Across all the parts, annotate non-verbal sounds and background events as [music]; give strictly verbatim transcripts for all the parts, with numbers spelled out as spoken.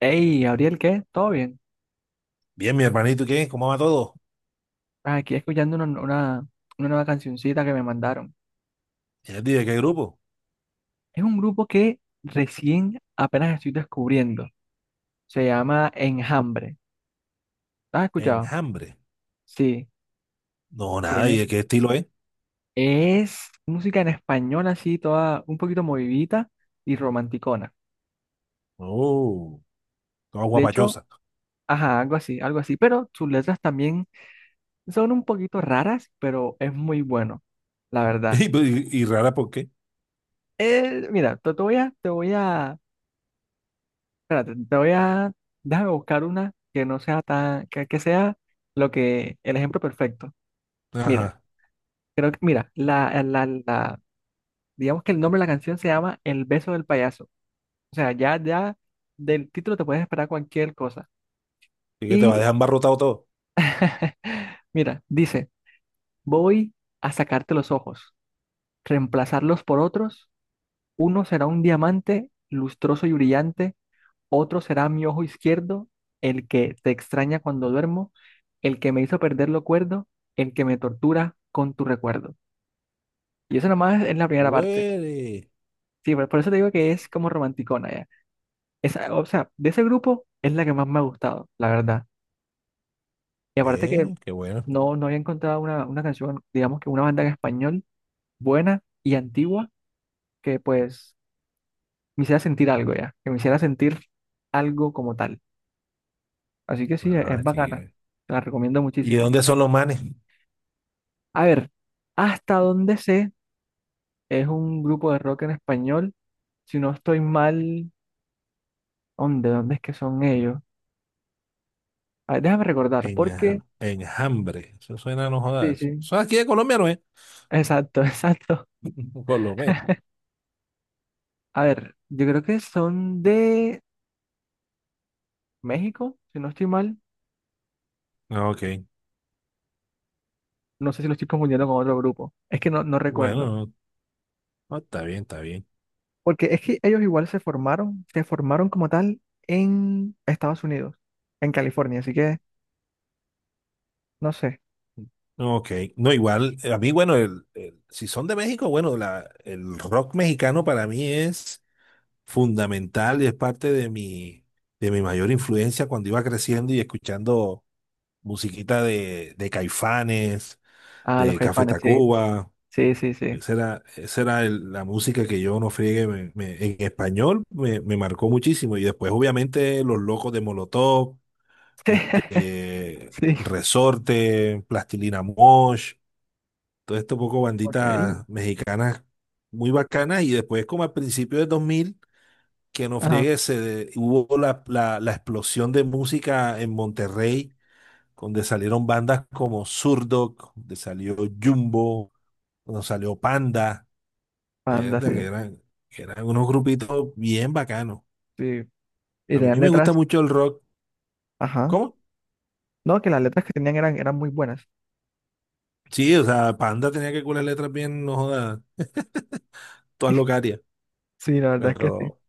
Hey, Gabriel, ¿qué? ¿Todo bien? Bien, mi hermanito, ¿y qué? ¿Cómo va todo? Ah, aquí escuchando una, una, una nueva cancioncita que me mandaron. ¿Y de qué grupo? Es un grupo que recién apenas estoy descubriendo. Se llama Enjambre. ¿Lo has escuchado? Enjambre. Sí, No, nada, ¿y tiene. de qué estilo es? Es música en español así, toda un poquito movidita y romanticona. Oh, toda De hecho, guapachosa. [laughs] ajá, algo así, algo así. Pero sus letras también son un poquito raras, pero es muy bueno, la verdad. Y, pues, y- y rara, ¿por qué? Eh, mira, te, te voy a, te voy a espérate, te voy a, déjame buscar una que no sea tan, que, que sea lo que, el ejemplo perfecto. Mira, Ajá. creo que, mira, la, la, la, digamos que el nombre de la canción se llama El beso del payaso. O sea, ya, ya del título te puedes esperar cualquier cosa. ¿Y que te va a Y, dejar embarrotado todo? [laughs] mira, dice, voy a sacarte los ojos, reemplazarlos por otros, uno será un diamante lustroso y brillante, otro será mi ojo izquierdo, el que te extraña cuando duermo, el que me hizo perder lo cuerdo, el que me tortura con tu recuerdo. Y eso nomás es la primera parte. Huele. Sí, por, por eso te digo que es como romanticona ya. Esa, o sea, de ese grupo es la que más me ha gustado, la verdad. Y aparte que Ve, qué bueno. no, no había encontrado una, una canción, digamos que una banda en español buena y antigua que pues me hiciera sentir algo ya, que me hiciera sentir algo como tal. Así que sí, es, es Ah, sí, bacana. eh. Te la recomiendo ¿Y de muchísimo. dónde son los manes? A ver, hasta donde sé, es un grupo de rock en español. Si no estoy mal, ¿dónde, dónde es que son ellos? A ver, déjame recordar, porque... Enja- Enjambre. Eso suena, no Sí, jodas. sí. Son aquí de Colombia, ¿no es? Exacto, [laughs] exacto. [laughs] Por lo menos. A ver, yo creo que son de México, si no estoy mal. Ah, ok. No sé si lo estoy confundiendo con otro grupo. Es que no, no Bueno, recuerdo. no, no, está bien, está bien. Porque es que ellos igual se formaron, se formaron como tal en Estados Unidos, en California. Así que, no sé. Ok, no, igual, eh, a mí, bueno, el, el- si son de México, bueno, la, el rock mexicano para mí es fundamental y es parte de mi, de mi mayor influencia cuando iba creciendo y escuchando musiquita de, de Caifanes, Ah, los de Café Caifanes, sí. Tacuba. Sí, sí, sí. Esa era, esa era el- la música que yo no friegue me- me- en español, me, me marcó muchísimo. Y después, obviamente, Los Locos de Molotov, [laughs] este, Sí, Resorte, Plastilina Mosh, todo esto poco ok. banditas mexicanas muy bacanas. Y después, como al principio de dos mil, que no Ajá. friegue, se de- hubo la, la, la explosión de música en Monterrey, donde salieron bandas como Zurdok, donde salió Jumbo, donde salió Panda, Panda, mierda, sí, que eran, que eran unos grupitos bien bacanos. sí. Y A mí tenían me letras, gusta mucho el rock. ajá. ¿Cómo? No, que las letras que tenían eran, eran muy buenas. Sí, o sea, Panda tenía que curar letras bien, no jodas, todas locarias, Sí, la verdad es que sí. pero...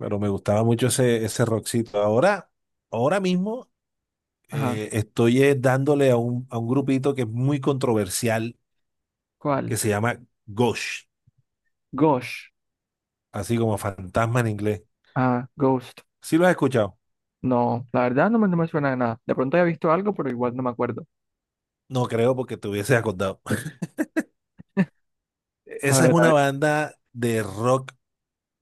Pero me gustaba mucho ese, ese rockcito. Ahora, ahora mismo, Ajá. eh, estoy, eh, dándole a un, a un grupito que es muy controversial, que ¿Cuál? se llama Ghost, Gosh. así como fantasma en inglés. Ah, Ghost. ¿Sí lo has escuchado? No, la verdad no me, no me suena de nada. De pronto había visto algo, pero igual no me acuerdo. No creo porque te hubiese acordado. [laughs] A Esa es ver, a una ver. banda de rock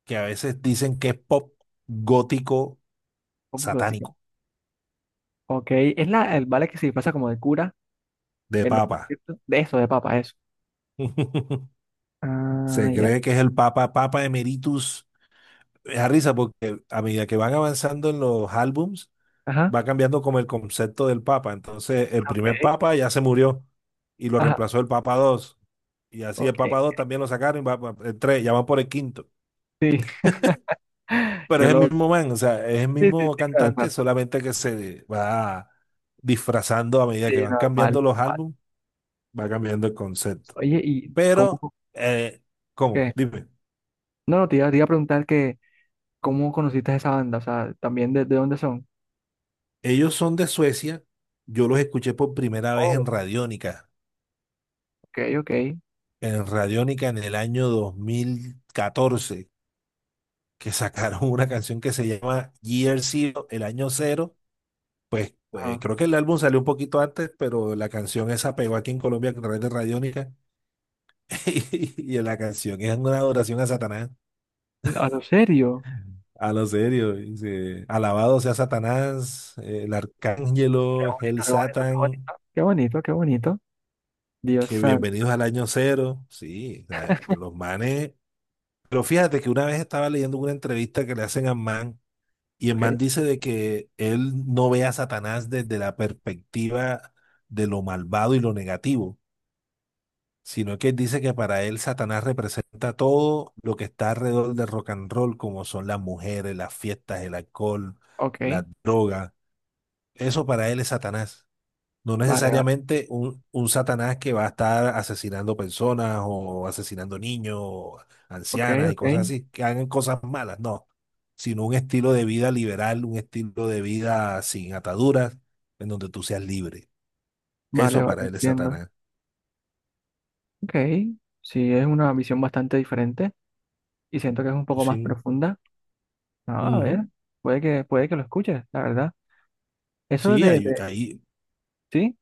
que a veces dicen que es pop gótico Pop gótica. satánico, Ok, es la, el vale que se pasa como de cura de en los papa. conciertos. De eso, de papa, eso. [laughs] Ah, Se ya. cree que es el papa, papa emeritus. Me da risa porque a medida que van avanzando en los álbums, Ajá. va cambiando como el concepto del Papa. Entonces, el primer Ok. Papa ya se murió y lo Ajá. reemplazó el Papa dos. Y así, el Ok. Papa dos también lo sacaron, y va, va- el tres, ya van por el quinto. Sí. [laughs] Pero Qué es el loco. mismo man, o sea, es el Sí, sí, mismo sí, claro, cantante, claro. solamente que se va disfrazando a medida que Sí, van normal, cambiando los normal. álbumes, va cambiando el concepto. Oye, ¿y cómo? Pero, eh, ¿cómo? ¿Qué? Dime, No, no, te iba, te iba a preguntar que ¿cómo conociste a esa banda? O sea, ¿también de, de dónde son? ellos son de Suecia, yo los escuché por primera vez Oh, en Radiónica, ok, ok. en Radiónica en el año dos mil catorce, que sacaron [laughs] una canción que se llama Year Zero, el año cero. Pues Ah, creo que el álbum salió un poquito antes, pero la canción esa pegó aquí en Colombia a través de Radiónica. [laughs] Y la canción es una adoración a Satanás. a lo serio. A lo serio, dice, alabado sea Satanás, el Qué arcángelo, el bonito, qué bonito, qué Satan bonito. Qué bonito, qué bonito. Dios que santo. bienvenidos al año cero. Sí, o sea, los manes. Pero fíjate que una vez estaba leyendo una entrevista que le hacen a Man. Y el Ok, man dice de que él no ve a Satanás desde la perspectiva de lo malvado y lo negativo, sino que él dice que para él Satanás representa todo lo que está alrededor del rock and roll, como son las mujeres, las fiestas, el alcohol, las ok. drogas. Eso para él es Satanás. No Vale, vale. necesariamente un, un Satanás que va a estar asesinando personas o asesinando niños, o Ok, ancianas y ok. cosas así, que hagan cosas malas, no, sino un estilo de vida liberal, un estilo de vida sin ataduras, en donde tú seas libre. Vale, Eso vale, para él es entiendo. Satanás. Ok. Sí, es una visión bastante diferente y siento que es un Y poco más sí, profunda. Ah, a ujú. ver, puede que, puede que lo escuches, la verdad. Eso Sí, de, hay, de, hay- ¿sí?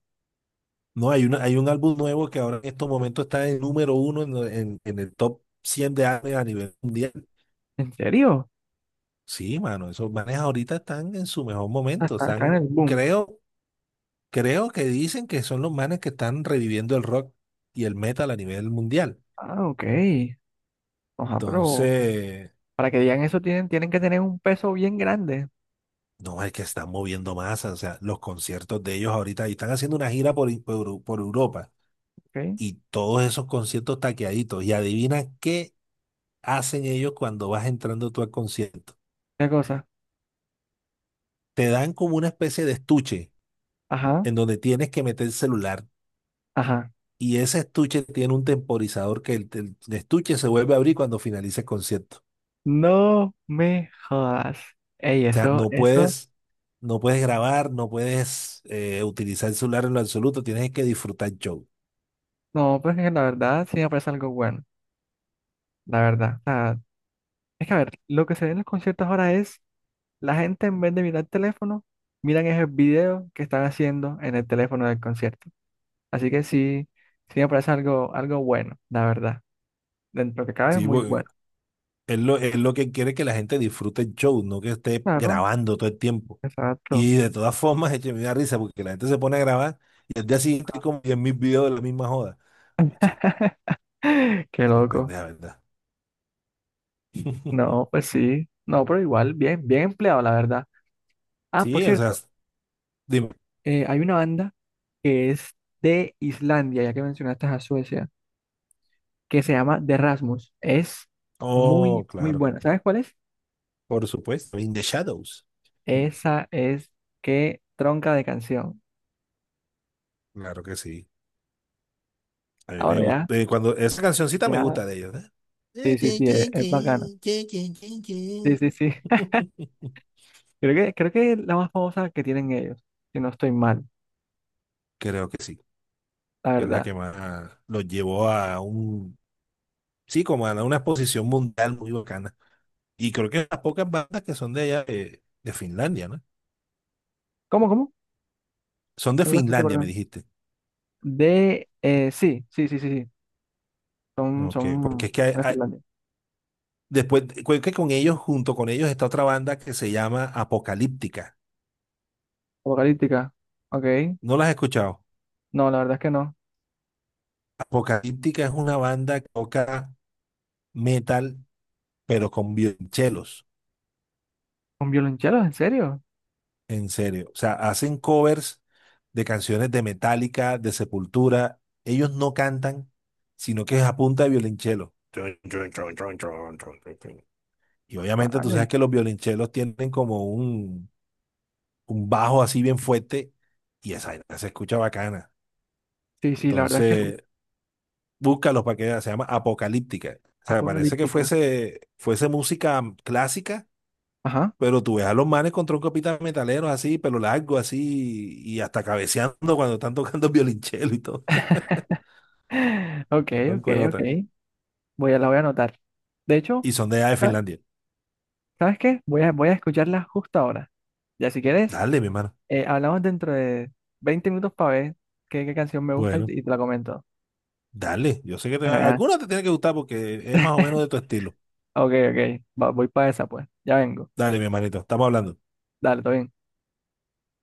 no, hay, una, hay un álbum nuevo que ahora, en estos momentos, está en número uno en, en- en el top cien de álbumes a nivel mundial. ¿En serio? Sí, mano, esos manes ahorita están en su mejor Ah, momento, está, está en están, el boom. creo. Creo que dicen que son los manes que están reviviendo el rock y el metal a nivel mundial. Ah, ok. Ojalá, pero Entonces, para que digan eso tienen, tienen que tener un peso bien grande. no es que están moviendo masas. O sea, los conciertos de ellos ahorita, y están haciendo una gira por, por, por Europa, ¿Ok? y todos esos conciertos taqueaditos. Y adivina qué hacen ellos cuando vas entrando tú al concierto. Una cosa. Te dan como una especie de estuche Ajá, en donde tienes que meter el celular. ajá. Y ese estuche tiene un temporizador, que el, el estuche se vuelve a abrir cuando finalice el concierto. No me jodas. Ey, O sea, eso, no eso. puedes, no puedes grabar, no puedes, eh, utilizar el celular en lo absoluto, tienes que disfrutar el show. No, pues que la verdad sí me parece algo bueno. La verdad. O sea, es que a ver, lo que se ve en los conciertos ahora es la gente en vez de mirar el teléfono, miran esos videos que están haciendo en el teléfono del concierto. Así que sí, sí me parece algo, algo bueno, la verdad. Dentro de lo que cabe es Sí, muy porque bueno. es lo, es lo que quiere, que la gente disfrute el show, no que esté Claro, grabando todo el tiempo. exacto. Y de todas [laughs] formas, eche, me da risa porque la gente se pone a grabar y al día siguiente hay como diez mil videos de la misma joda. Che, [laughs] Qué es loco. pendeja, ¿verdad? [laughs] No, pues sí. No, pero igual, bien, bien empleado, la verdad. Ah, por Sí, o sea, cierto, dime. eh, hay una banda que es de Islandia, ya que mencionaste a Suecia, que se llama The Rasmus. Es muy, Oh, muy claro, buena. ¿Sabes cuál es? por supuesto. In the Shadows. Esa es qué tronca de canción. Claro que sí. A mí me Ahora ya, gusta, eh, cuando esa cancioncita me ya, gusta de ellos, ¿eh? sí, sí, sí, es, es bacana. Sí, sí, sí. [laughs] Creo que, creo que es la más famosa que tienen ellos, si no estoy mal, Creo que sí, la que es la verdad. que más los llevó a un, sí, como a una exposición mundial muy bacana. Y creo que las pocas bandas que son de allá, eh, de Finlandia, ¿no? ¿Cómo, cómo? Son de No lo escuché, Finlandia, me perdón. dijiste. De, eh, sí, sí, sí, sí, sí. Son, Ok, porque son, es que hay- son de hay- Finlandia. después, creo que con ellos, junto con ellos, está otra banda que se llama Apocalíptica. Apocalíptica. Ok. ¿No las has escuchado? No, la verdad es que no. Apocalíptica es una banda que toca metal pero con violonchelos, ¿Con violonchelos? ¿En serio? en serio. O sea, hacen covers de canciones de Metallica, de Sepultura. Ellos no cantan, sino que es a punta de violonchelo. Chun, chun, chun, chun, chun, chun, chun, chun. Y obviamente tú sabes Vale. que los violonchelos tienen como un, un bajo así bien fuerte, y esa vaina se escucha bacana. Sí, sí, la verdad es que sí. Entonces, búscalos para que veas, se llama Apocalíptica. O sea, parece que Apocalíptica. fuese, fuese música clásica. Ajá. Pero tú ves a los manes con un capitán metalero así, pelo largo así, y hasta cabeceando cuando están tocando [laughs] violonchelo y todo. [laughs] Ok, Son ok, ok. cuenotas. Voy a, la voy a anotar. De hecho, Y son de allá de ¿sabe- Finlandia. ¿sabes qué? Voy a, voy a escucharla justo ahora. Ya si quieres, Dale, mi hermano. eh, hablamos dentro de veinte minutos para ver qué, qué canción me gusta y, te Bueno, y te la comento. dale. Yo sé que te, Bueno, ya. alguna te tiene que gustar porque es más o menos de tu estilo. Ok, ok. Va- voy para esa, pues. Ya vengo. Dale, mi hermanito. Estamos hablando. Dale, todo bien.